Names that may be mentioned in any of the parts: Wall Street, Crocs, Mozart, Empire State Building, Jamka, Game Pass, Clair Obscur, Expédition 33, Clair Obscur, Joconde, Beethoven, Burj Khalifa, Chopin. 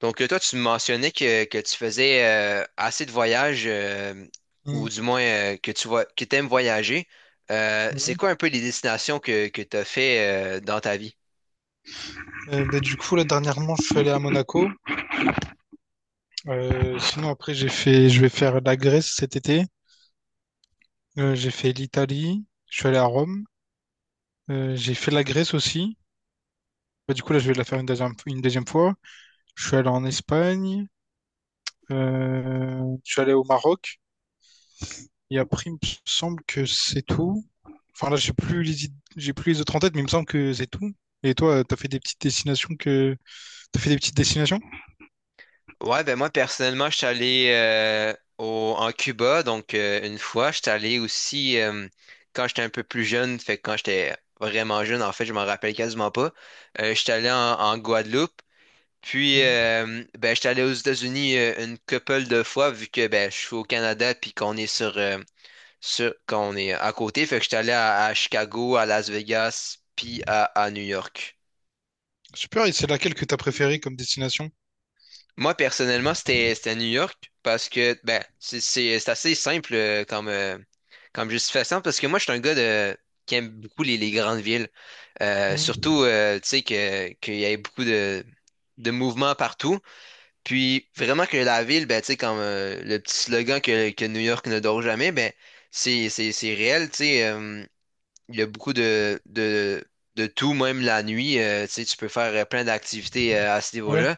Toi, tu me mentionnais que tu faisais assez de voyages, ou Mm. du moins que tu vois, que t'aimes voyager. C'est Ouais. quoi un peu les destinations que tu as fait dans ta vie? Du coup, là, dernièrement, je suis allé à Monaco. Sinon, après, je vais faire la Grèce cet été. J'ai fait l'Italie. Je suis allé à Rome. J'ai fait la Grèce aussi. Du coup, là, je vais la faire une deuxième fois. Je suis allé en Espagne. Je suis allé au Maroc. Et après, il me semble que c'est tout. Enfin, là, j'ai plus les autres en tête, mais il me semble que c'est tout. Et toi, t'as fait des petites t'as fait des petites destinations? Ouais, ben moi, personnellement, je suis allé en Cuba, une fois. Je suis allé aussi quand j'étais un peu plus jeune, fait que quand j'étais vraiment jeune, en fait, je m'en rappelle quasiment pas. Je suis allé en Guadeloupe. Puis, Mhm. euh, ben, j'étais allé aux États-Unis une couple de fois, vu que ben, je suis au Canada, puis qu'on est qu'on est à côté. Fait que j'étais allé à Chicago, à Las Vegas, puis à New York. Super, et c'est laquelle que t'as préférée comme destination? Moi, personnellement, c'était à New York, parce que ben, c'est assez simple comme justification, parce que moi, je suis un gars de, qui aime beaucoup les grandes villes. Euh, Mhm. surtout, euh, tu sais, qu'il y a beaucoup de mouvements partout. Puis vraiment que la ville, ben, tu sais, comme le petit slogan que New York ne dort jamais, ben, c'est réel, tu sais. Il y a beaucoup de tout, même la nuit. Tu sais, tu peux faire plein d'activités à ce Ouais. niveau-là.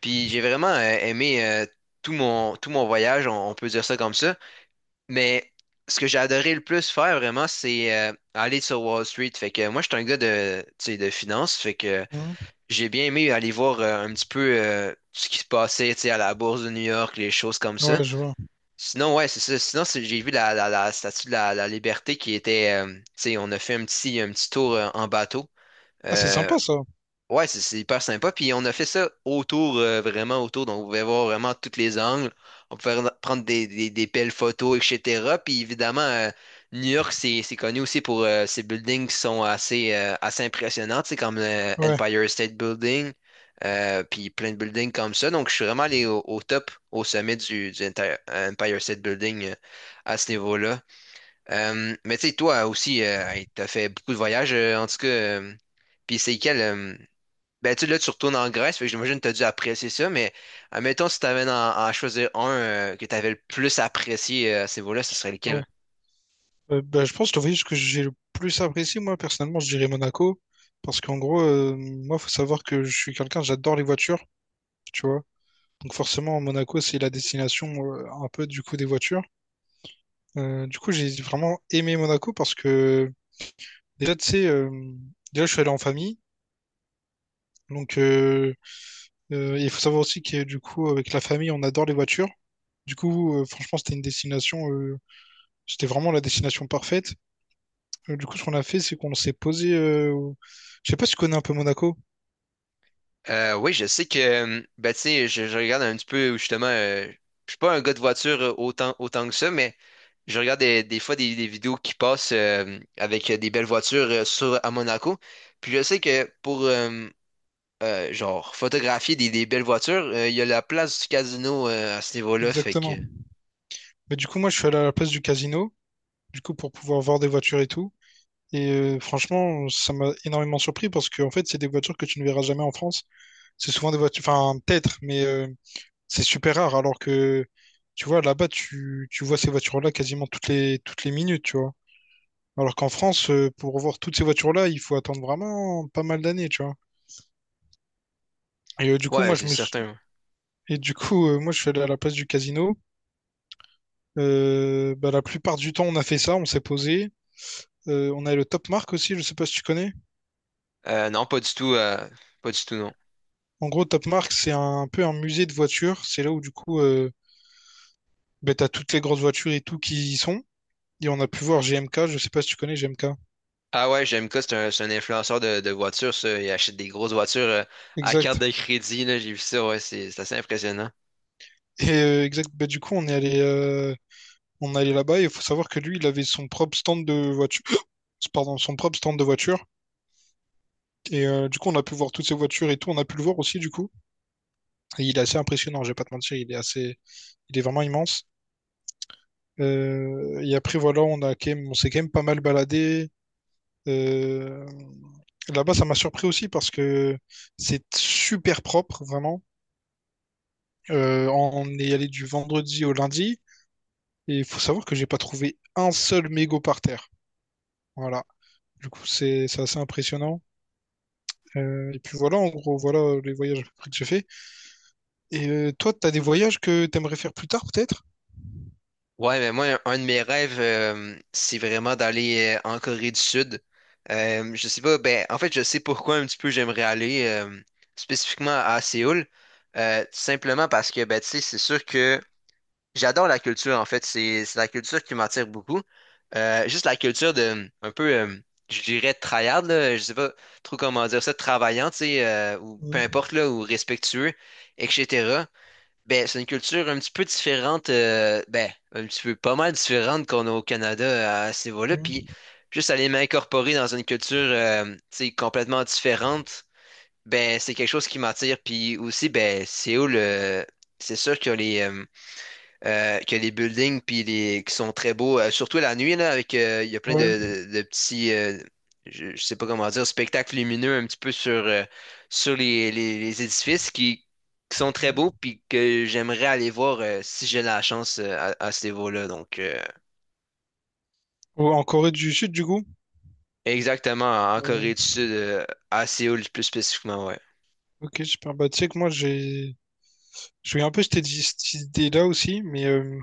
Puis j'ai vraiment aimé tout mon voyage, on peut dire ça comme ça. Mais ce que j'ai adoré le plus faire, vraiment, c'est aller sur Wall Street. Fait que moi, je suis un gars de, tu sais, de finance. Fait que Mhm. j'ai bien aimé aller voir un petit peu ce qui se passait, tu sais, à la Bourse de New York, les choses comme ça. Ouais, je vois. Sinon, ouais, c'est ça. J'ai vu la statue de la liberté qui était, tu sais, on a fait un petit tour en bateau. Ah, c'est Euh, sympa ça. Ouais, c'est hyper sympa. Puis on a fait ça autour, vraiment autour. Donc, on pouvait voir vraiment tous les angles. On pouvait prendre des belles photos, etc. Puis évidemment, New York, c'est connu aussi pour ses buildings qui sont assez impressionnants, tu sais, comme le Ouais, Empire State Building, puis plein de buildings comme ça. Donc, je suis vraiment allé au top, au sommet du Empire State Building à ce niveau-là. Mais tu sais, toi aussi, tu as fait beaucoup de voyages, en tout cas. Puis c'est quel. Ben, tu sais, là, tu retournes en Grèce, fait que j'imagine que tu as dû apprécier ça, mais admettons, si tu avais à choisir un que tu avais le plus apprécié à ce niveau-là, ce serait ouais. lequel? Je pense que le voyage que j'ai le plus apprécié, moi, personnellement, je dirais Monaco. Parce qu'en gros, moi, faut savoir que je suis quelqu'un, j'adore les voitures, tu vois. Donc forcément, Monaco, c'est la destination un peu du coup des voitures. Du coup, j'ai vraiment aimé Monaco parce que déjà, tu sais, je suis allé en famille. Donc, il faut savoir aussi que du coup, avec la famille, on adore les voitures. Du coup, franchement, c'était vraiment la destination parfaite. Du coup, ce qu'on a fait, c'est qu'on s'est Je sais pas si tu connais un peu Monaco, Oui, je sais que, ben, tu sais, je regarde un petit peu, justement, je suis pas un gars de voiture autant que ça, mais je regarde des fois des vidéos qui passent avec des belles voitures à Monaco. Puis je sais que pour genre, photographier des belles voitures, il y a la place du casino à ce niveau-là, fait exactement. que, Mais du coup, moi, je suis allé à la place du casino, du coup, pour pouvoir voir des voitures et tout. Et franchement, ça m'a énormément surpris parce que, en fait, c'est des voitures que tu ne verras jamais en France. C'est souvent des voitures, enfin, peut-être, mais c'est super rare. Alors que, tu vois, là-bas, tu vois ces voitures-là quasiment toutes les minutes, tu vois. Alors qu'en France, pour voir toutes ces voitures-là, il faut attendre vraiment pas mal d'années, tu vois. Et du coup, moi, ouais, c'est je me suis... certain. Et du coup, moi, je suis allé à la place du casino. La plupart du temps, on a fait ça, on s'est posé. On a le Top Mark aussi, je sais pas si tu connais. Non, pas du tout. Pas du tout, non. En gros, Top Mark, c'est un peu un musée de voitures. C'est là où, du coup, t'as toutes les grosses voitures et tout qui y sont. Et on a pu voir GMK, je sais pas si tu connais GMK. Ah ouais, Jamka, c'est un influenceur de voitures, ça. Il achète des grosses voitures à carte Exact. de crédit, là. J'ai vu ça, ouais, c'est assez impressionnant. Et du coup, on est allé là-bas et il faut savoir que lui, il avait son propre stand de voiture. Pardon, son propre stand de voiture. Et du coup, on a pu voir toutes ces voitures et tout. On a pu le voir aussi, du coup. Et il est assez impressionnant, je vais pas te mentir. Il est vraiment immense. Et après, voilà, on s'est quand même pas mal baladé. Euh, là-bas, ça m'a surpris aussi parce que c'est super propre, vraiment. On est allé du vendredi au lundi et il faut savoir que j'ai pas trouvé un seul mégot par terre. Voilà. Du coup, c'est assez impressionnant. Et puis voilà, en gros, voilà les voyages à peu près que j'ai fait. Et toi, t'as des voyages que t'aimerais faire plus tard, peut-être? Ouais, mais moi, un de mes rêves, c'est vraiment d'aller en Corée du Sud. Je sais pas, ben, en fait, je sais pourquoi un petit peu j'aimerais aller spécifiquement à Séoul. Tout simplement parce que, ben, tu sais, c'est sûr que. J'adore la culture, en fait. C'est la culture qui m'attire beaucoup. Juste la culture de, un peu, je dirais, tryhard, là, je sais pas trop comment dire ça, travaillant, tu sais, ou peu Mhm, importe, là, ou respectueux, etc. Ben, c'est une culture un petit peu différente, ben, un petit peu pas mal différente qu'on a au Canada à ce niveau-là. Puis, mhm, juste aller m'incorporer dans une culture, tu sais, complètement différente, ben, c'est quelque chose qui m'attire. Puis aussi, ben, c'est où le. C'est sûr que les. Que les buildings puis les qui sont très beaux, surtout la nuit là, avec il y a plein Ouais. De petits je sais pas comment dire, spectacles lumineux un petit peu sur les édifices qui sont très beaux Mhm. puis que j'aimerais aller voir si j'ai la chance à ce niveau-là. Ou en Corée du Sud, du coup? Exactement en Corée Ouais. du Sud, à Séoul plus spécifiquement, ouais. Ok, super. Bah, tu sais que moi, je suis un peu cette idée-là aussi, mais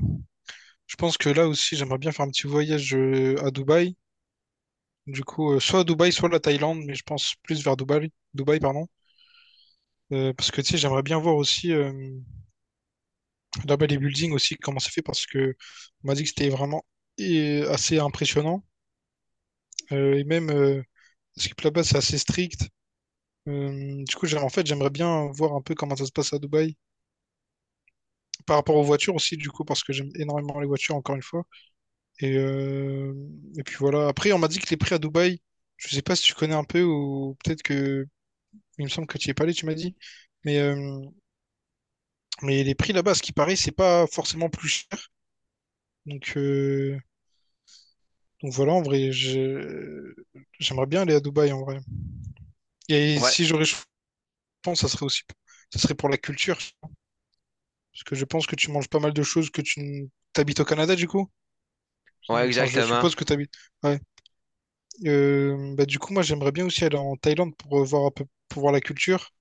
je pense que là aussi, j'aimerais bien faire un petit voyage à Dubaï. Du coup, soit à Dubaï, soit à la Thaïlande, mais je pense plus vers Dubaï, pardon. Parce que tu sais, j'aimerais bien voir aussi là-bas les buildings aussi, comment c'est fait, parce que on m'a dit que c'était vraiment assez impressionnant. Euh, et même, euh, parce que là-bas, c'est assez strict. En fait, j'aimerais bien voir un peu comment ça se passe à Dubaï. Par rapport aux voitures aussi, du coup, parce que j'aime énormément les voitures, encore une fois. Et, euh, et puis voilà. Après, on m'a dit que les prix à Dubaï, je sais pas si tu connais un peu ou peut-être que il me semble que tu y es pas allé, tu m'as dit. Mais, euh, mais les prix là-bas, ce qui paraît, c'est pas forcément plus cher. Donc, euh, donc voilà, j'aimerais bien aller à Dubaï en vrai. Et Ouais, si j'aurais choisi, je pense, ça serait pour la culture. Parce que je pense que tu manges pas mal de choses que tu n- t'habites au Canada du coup. ouais, Enfin, je exactement. suppose que t'habites. Ouais. Du coup, moi, j'aimerais bien aussi aller en Thaïlande pour voir un peu, pour voir la culture.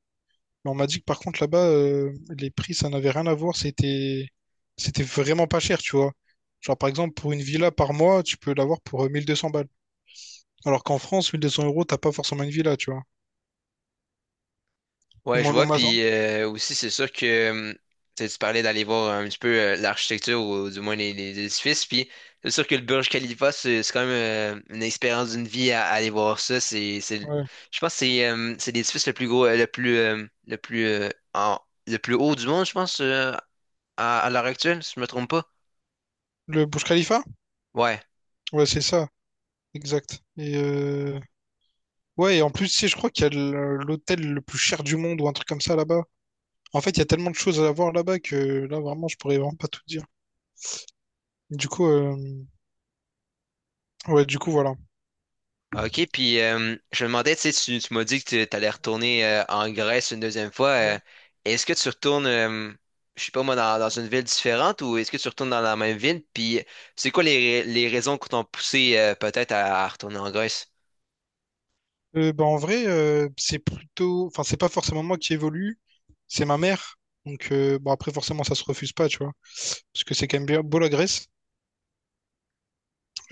Mais on m'a dit que par contre là-bas, les prix, ça n'avait rien à voir. C'était vraiment pas cher, tu vois. Genre par exemple, pour une villa par mois, tu peux l'avoir pour 1200 balles. Alors qu'en France, 1200 euros, t'as pas forcément une villa, tu vois. Et Ouais, je moi, on vois. m'a- Puis aussi, c'est sûr que tu sais, tu parlais d'aller voir un petit peu l'architecture ou du moins les édifices. Puis c'est sûr que le Burj Khalifa, c'est quand même une expérience d'une vie à aller voir ça. Ouais. Je pense que c'est l'édifice le plus gros, en- le plus haut du monde, je pense, à l'heure actuelle, si je me trompe pas. Le Burj Khalifa? Ouais. Ouais, c'est ça. Exact. Et ouais, et en plus, tu sais, je crois qu'il y a le- l'hôtel le plus cher du monde ou un truc comme ça là-bas. En fait, il y a tellement de choses à voir là-bas que là, vraiment, je pourrais vraiment pas tout dire. Du coup, ouais, du coup, voilà. OK, puis je me demandais, tu sais, tu m'as dit que tu allais retourner en Grèce une deuxième fois. Est-ce que tu retournes, je sais pas moi, dans une ville différente ou est-ce que tu retournes dans la même ville? Puis c'est quoi les raisons qui t'ont poussé peut-être à retourner en Grèce? C'est plutôt, enfin, c'est pas forcément moi qui évolue, c'est ma mère. Donc, bon, après, forcément, ça se refuse pas, tu vois, parce que c'est quand même bien beau la Grèce.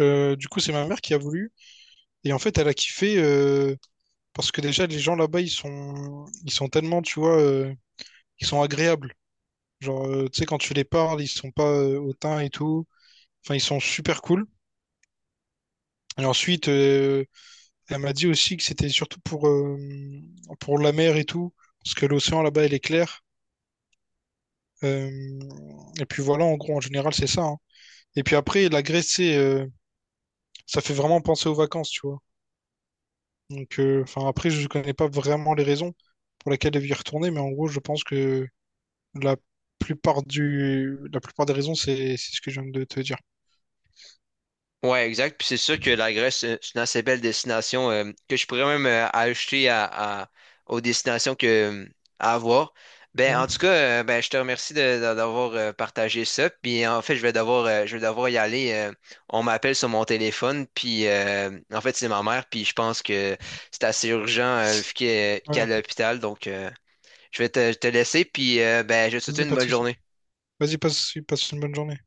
Du coup, c'est ma mère qui a voulu, et en fait, elle a kiffé parce que déjà, les gens ils sont tellement, tu vois, ils sont agréables. Genre, tu sais, quand tu les parles, ils sont pas hautains et tout. Enfin, ils sont super cool. Et ensuite, elle m'a dit aussi que c'était surtout pour la mer et tout, parce que l'océan là-bas, elle est claire. Euh, et puis voilà, en gros, en général, c'est ça, hein. Et puis après, ça fait vraiment penser aux vacances, tu vois. Donc, enfin, après, je connais pas vraiment les raisons pour lesquelles elle veut y retourner, mais en gros, je pense que la la plupart des raisons, c'est ce que je viens de te dire. Ouais, exact. Puis c'est sûr que la Grèce, c'est une assez belle destination que je pourrais même aux destinations à avoir. Ben, en tout Mhm. cas, ben, je te remercie d'avoir partagé ça. Puis en fait, je vais devoir y aller. On m'appelle sur mon téléphone. Puis en fait, c'est ma mère. Puis je pense que c'est assez urgent vu qu'elle Ouais, qu'elle est à l'hôpital. Je vais te laisser. Puis ben, je te souhaite vas-y, une pas de bonne souci. journée. Vas-y, passe une bonne journée.